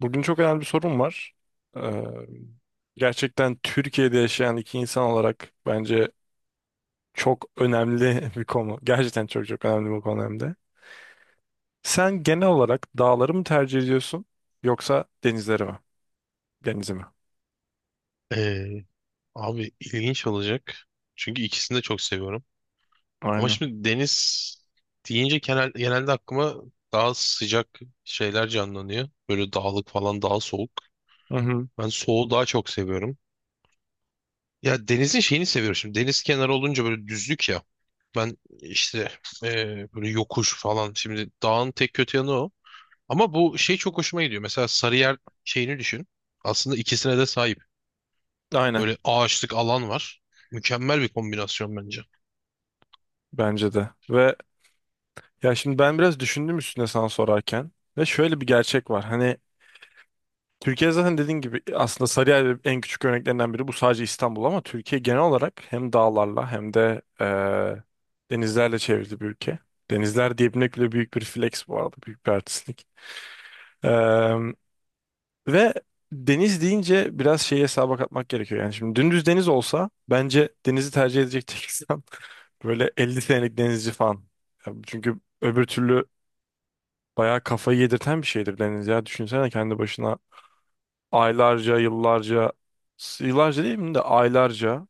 Bugün çok önemli bir sorun var. Ee, Gerçekten Türkiye'de yaşayan iki insan olarak bence çok önemli bir konu. Gerçekten çok önemli bir konu hem de. Sen genel olarak dağları mı tercih ediyorsun yoksa denizleri mi? Denizi mi? Ee, abi ilginç olacak. Çünkü ikisini de çok seviyorum. Ama Aynen. şimdi deniz deyince genelde aklıma daha sıcak şeyler canlanıyor. Böyle dağlık falan daha soğuk. Hı hı. Ben soğuğu daha çok seviyorum. Ya denizin şeyini seviyorum şimdi. Deniz kenarı olunca böyle düzlük ya. Ben işte böyle yokuş falan. Şimdi dağın tek kötü yanı o. Ama bu şey çok hoşuma gidiyor. Mesela Sarıyer şeyini düşün. Aslında ikisine de sahip. Aynen. Böyle ağaçlık alan var. Mükemmel bir kombinasyon bence. Bence de. Ve ya şimdi ben biraz düşündüm üstüne sana sorarken ve şöyle bir gerçek var. Hani Türkiye zaten dediğin gibi aslında Sarıyer en küçük örneklerinden biri. Bu sadece İstanbul ama Türkiye genel olarak hem dağlarla hem de denizlerle çevrili bir ülke. Denizler diyebilmek bile büyük bir flex bu arada. Büyük bir artistlik. Eee, Ve deniz deyince biraz şeyi hesaba katmak gerekiyor. Yani şimdi dümdüz deniz olsa bence denizi tercih edecek tek insan böyle 50 senelik denizci falan. Ya çünkü öbür türlü bayağı kafayı yedirten bir şeydir deniz ya. Düşünsene kendi başına aylarca, yıllarca, yıllarca değil mi de aylarca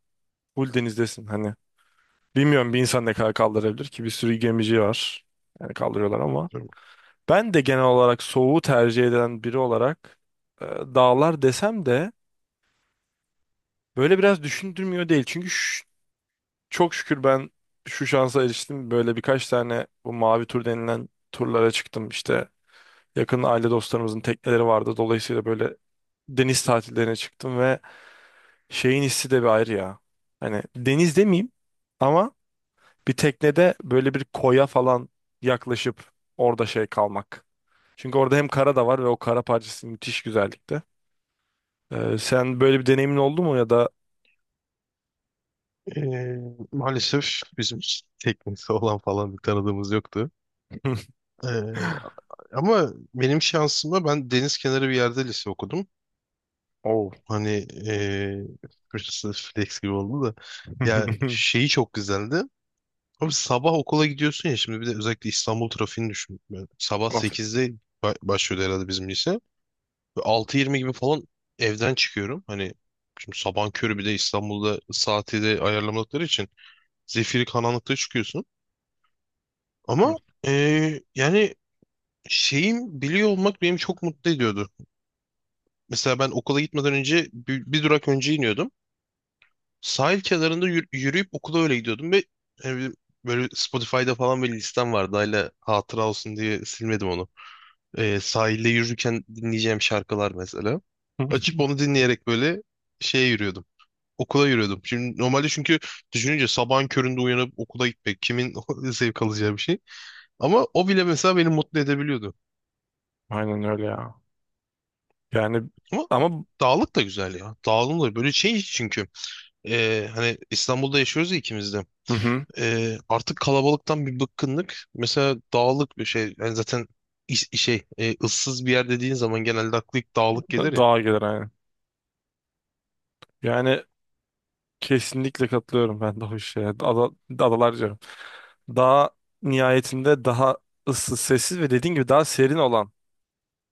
full denizdesin hani. Bilmiyorum bir insan ne kadar kaldırabilir ki, bir sürü gemici var. Yani kaldırıyorlar ama. Ben de genel olarak soğuğu tercih eden biri olarak dağlar desem de böyle biraz düşündürmüyor değil. Çünkü çok şükür ben şu şansa eriştim. Böyle birkaç tane bu mavi tur denilen turlara çıktım. İşte yakın aile dostlarımızın tekneleri vardı. Dolayısıyla böyle deniz tatillerine çıktım ve şeyin hissi de bir ayrı ya. Hani deniz demeyeyim ama bir teknede böyle bir koya falan yaklaşıp orada şey kalmak. Çünkü orada hem kara da var ve o kara parçası müthiş güzellikte. Sen böyle bir deneyimin oldu mu ya da Ee, maalesef bizim teknesi olan falan bir tanıdığımız yoktu. Ee, ama benim şansıma ben deniz kenarı bir yerde lise okudum. oh. Hani burası flex gibi oldu da. Ya şeyi çok güzeldi. Abi sabah okula gidiyorsun ya şimdi bir de özellikle İstanbul trafiğini düşün. Yani sabah Of. 8'de başlıyordu herhalde bizim lise. Ve 6.20 gibi falan evden çıkıyorum. Hani şimdi sabahın körü bir de İstanbul'da saati de ayarlamadıkları için zifiri karanlıkta çıkıyorsun. Ama yani şeyim biliyor olmak beni çok mutlu ediyordu. Mesela ben okula gitmeden önce bir durak önce iniyordum. Sahil kenarında yürüyüp okula öyle gidiyordum ve yani böyle Spotify'da falan bir listem vardı. Hala hatıra olsun diye silmedim onu. Sahilde yürürken dinleyeceğim şarkılar mesela. Açıp onu dinleyerek böyle şeye yürüyordum. Okula yürüyordum. Şimdi normalde çünkü düşününce sabahın köründe uyanıp okula gitmek kimin zevk alacağı bir şey. Ama o bile mesela beni mutlu edebiliyordu. Aynen öyle ya. Yani Ama ama dağlık da güzel ya. Dağlık da böyle şey çünkü. Hani İstanbul'da yaşıyoruz ya ikimiz de. hı hı. Artık kalabalıktan bir bıkkınlık. Mesela dağlık bir şey. Yani zaten şey ıssız bir yer dediğin zaman genelde aklı ilk dağlık gelir ya. Daha gelir aynen. Yani kesinlikle katılıyorum ben de o işe. Adalar daha nihayetinde daha ıssız, sessiz ve dediğin gibi daha serin olan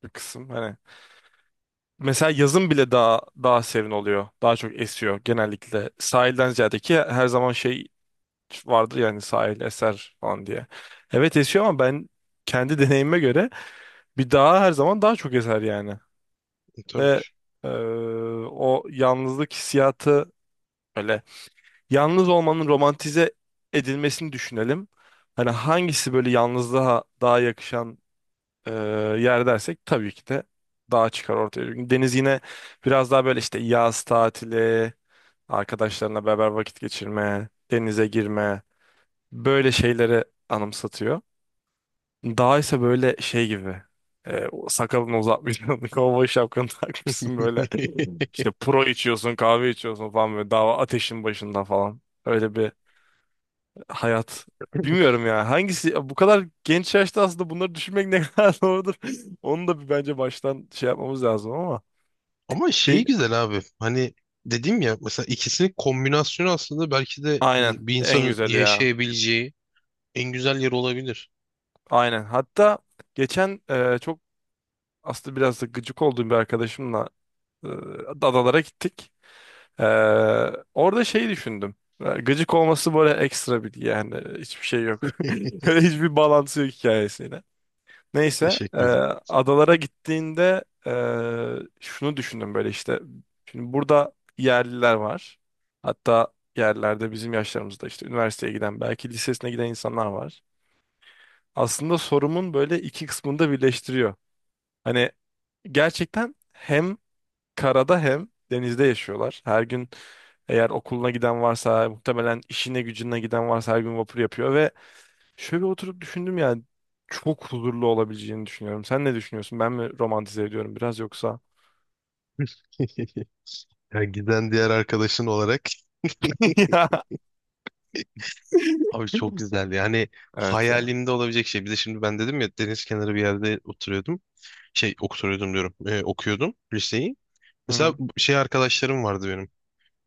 bir kısım. Hani mesela yazın bile daha serin oluyor. Daha çok esiyor genellikle. Sahilden ziyade, ki her zaman şey vardır yani sahil eser falan diye. Evet esiyor ama ben kendi deneyime göre bir daha her zaman daha çok eser yani. E, tabii Ve eee, o yalnızlık hissiyatı böyle, yalnız olmanın romantize edilmesini düşünelim. Hani hangisi böyle yalnızlığa daha yakışan e, yer dersek tabii ki de dağ çıkar ortaya. Çünkü deniz yine biraz daha böyle işte yaz tatili, arkadaşlarına beraber vakit geçirme, denize girme böyle şeyleri anımsatıyor. Dağ ise böyle şey gibi, o sakalını uzatmışsın, kovboy şapkanı takmışsın böyle. ki. İşte pro içiyorsun, kahve içiyorsun falan böyle dağ ateşin başında falan. Öyle bir hayat. Bilmiyorum ya. Hangisi bu kadar genç yaşta aslında bunları düşünmek ne kadar doğrudur. Onu da bir bence baştan şey yapmamız lazım ama. Ama Şey, şeyi güzel abi. Hani dedim ya mesela ikisinin kombinasyonu aslında belki de aynen. hani bir En insanın güzeli ya. yaşayabileceği en güzel yer olabilir. Aynen. Hatta geçen çok aslında biraz da gıcık olduğum bir arkadaşımla e, adalara gittik. E, Orada şey düşündüm. Gıcık olması böyle ekstra bir yani, hiçbir şey yok. Hiçbir bağlantısı yok hikayesiyle. Neyse Teşekkür ederim. adalara gittiğinde şunu düşündüm böyle işte. Şimdi burada yerliler var. Hatta yerlerde bizim yaşlarımızda işte üniversiteye giden belki lisesine giden insanlar var. Aslında sorumun böyle iki kısmını da birleştiriyor. Hani gerçekten hem karada hem denizde yaşıyorlar. Her gün, eğer okuluna giden varsa muhtemelen işine gücüne giden varsa her gün vapur yapıyor ve şöyle oturup düşündüm yani çok huzurlu olabileceğini düşünüyorum. Sen ne düşünüyorsun? Ben mi romantize ediyorum biraz yoksa? Ya giden diğer arkadaşın olarak Ya. abi çok güzeldi. Yani Evet ya. hayalimde olabilecek şey. Bir de şimdi ben dedim ya deniz kenarı bir yerde oturuyordum. Şey oturuyordum diyorum. Okuyordum liseyi. Hı Mesela hı. şey arkadaşlarım vardı benim.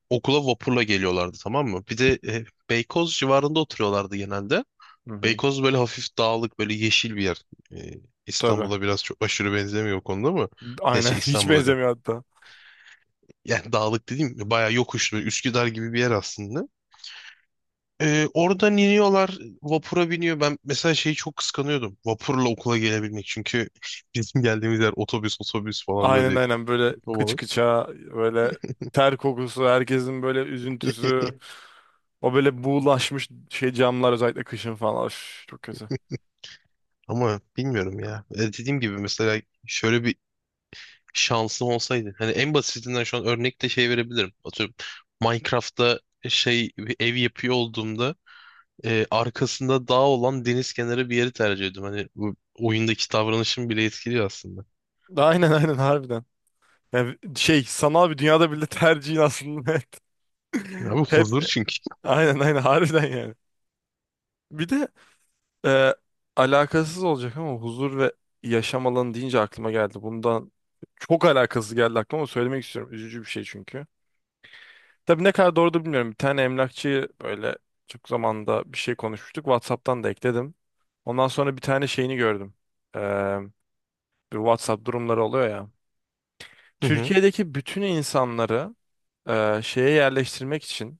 Okula vapurla geliyorlardı, tamam mı? Bir de Beykoz civarında oturuyorlardı genelde. Hı hı. Beykoz böyle hafif dağlık böyle yeşil bir yer. E, Tabii. İstanbul'a biraz çok aşırı benzemiyor o konuda ama Aynen neyse hiç İstanbul'a diyorum. benzemiyor hatta. Yani dağlık dediğim bayağı yokuşlu Üsküdar gibi bir yer aslında. E, oradan iniyorlar vapura biniyor. Ben mesela şeyi çok kıskanıyordum. Vapurla okula gelebilmek çünkü bizim geldiğimiz yer otobüs otobüs falan Aynen böyle aynen böyle kıç kovalı. kıça böyle ter kokusu, herkesin böyle üzüntüsü, o böyle buğulaşmış şey camlar özellikle kışın falan. Üf, çok kötü. Ama bilmiyorum ya. E, dediğim gibi mesela şöyle bir şansım olsaydı. Hani en basitinden şu an örnek de şey verebilirim. Atıyorum Minecraft'ta şey bir ev yapıyor olduğumda arkasında dağ olan deniz kenarı bir yeri tercih ediyorum. Hani bu oyundaki davranışım bile etkiliyor aslında. Aynen, harbiden. Yani şey, sanal bir dünyada bile tercihin aslında net. Ya bu Hep huzur çünkü. aynen, harbiden yani. Bir de Ee, alakasız olacak ama huzur ve yaşam alanı deyince aklıma geldi. Bundan çok alakasız geldi aklıma ama söylemek istiyorum. Üzücü bir şey çünkü. Tabii ne kadar doğru da bilmiyorum. Bir tane emlakçıyı böyle çok zamanda bir şey konuşmuştuk. WhatsApp'tan da ekledim. Ondan sonra bir tane şeyini gördüm. Ee, Bir WhatsApp durumları oluyor ya. Hı hı. Türkiye'deki bütün insanları şeye yerleştirmek için,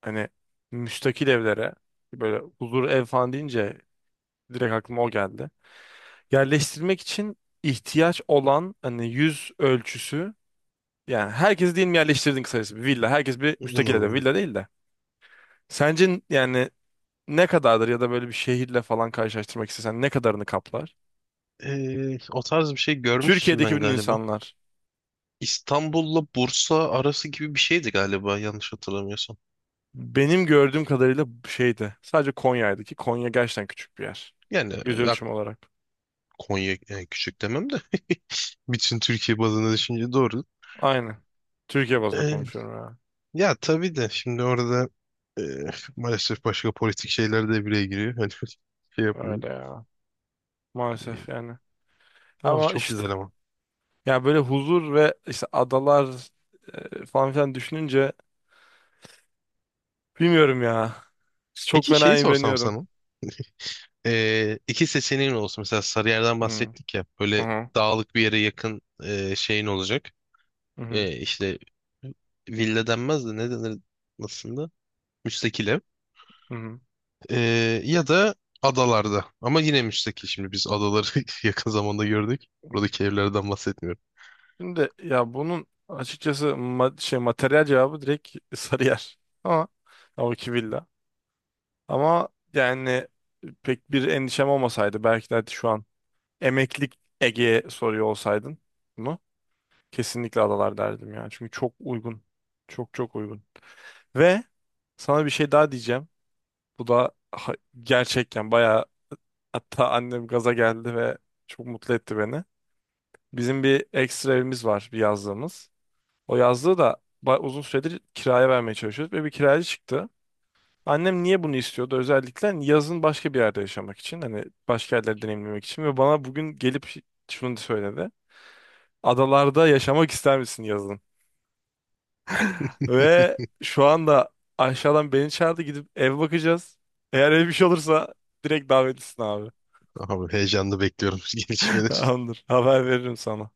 hani müstakil evlere, böyle huzur ev falan deyince direkt aklıma o geldi. Yerleştirmek için ihtiyaç olan hani yüz ölçüsü, yani herkesi diyelim yerleştirdin, kısacası bir villa. Herkes bir müstakil evde, İnanılmaz. villa değil de. Sence yani ne kadardır ya da böyle bir şehirle falan karşılaştırmak istesen ne kadarını kaplar? E, o tarz bir şey görmüştüm Türkiye'deki ben bütün galiba. insanlar İstanbul'la Bursa arası gibi bir şeydi galiba yanlış hatırlamıyorsam. benim gördüğüm kadarıyla şeydi. Sadece Konya'ydı, ki Konya gerçekten küçük bir yer. Yani Yüz ya, ölçümü olarak. Konya yani küçük demem de bütün Türkiye bazında düşünce doğru. Aynen. Türkiye bazında konuşuyorum ya. Ya tabii de şimdi orada e, maalesef başka politik şeyler de bireye giriyor. Hani şey yapmayın. Öyle ya. E, Maalesef yani. abi Ama çok işte, güzel ama. ya böyle huzur ve işte adalar falan filan düşününce bilmiyorum ya. Çok Peki fena şeyi sorsam imreniyorum. sana. E, iki seçeneğin olsun. Mesela Sarıyer'den Hı bahsettik ya. Böyle hı dağlık bir yere yakın şeyin olacak. hı hı. E, işte villa denmez de ne denir aslında? Müstakil ev. Hı. Ya da adalarda. Ama yine müstakil. Şimdi biz adaları yakın zamanda gördük. Buradaki evlerden bahsetmiyorum. Şimdi ya bunun açıkçası şey materyal cevabı direkt Sarıyer. Ama ya o iki villa. Ama yani pek bir endişem olmasaydı, belki de şu an emeklilik Ege'ye soruyor olsaydın bunu, kesinlikle adalar derdim ya. Çünkü çok uygun. Çok uygun. Ve sana bir şey daha diyeceğim. Bu da gerçekten bayağı, hatta annem gaza geldi ve çok mutlu etti beni. Bizim bir ekstra evimiz var, bir yazlığımız. O yazlığı da uzun süredir kiraya vermeye çalışıyoruz ve bir kiracı çıktı. Annem niye bunu istiyordu? Özellikle hani yazın başka bir yerde yaşamak için, hani başka yerleri deneyimlemek için. Ve bana bugün gelip şunu söyledi. Adalarda yaşamak ister misin yazın? Ve şu anda aşağıdan beni çağırdı, gidip ev bakacağız. Eğer ev bir şey olursa direkt davetlisin abi. Abi heyecanla bekliyorum gelişmeleri. Tamamdır. Haber veririm sana.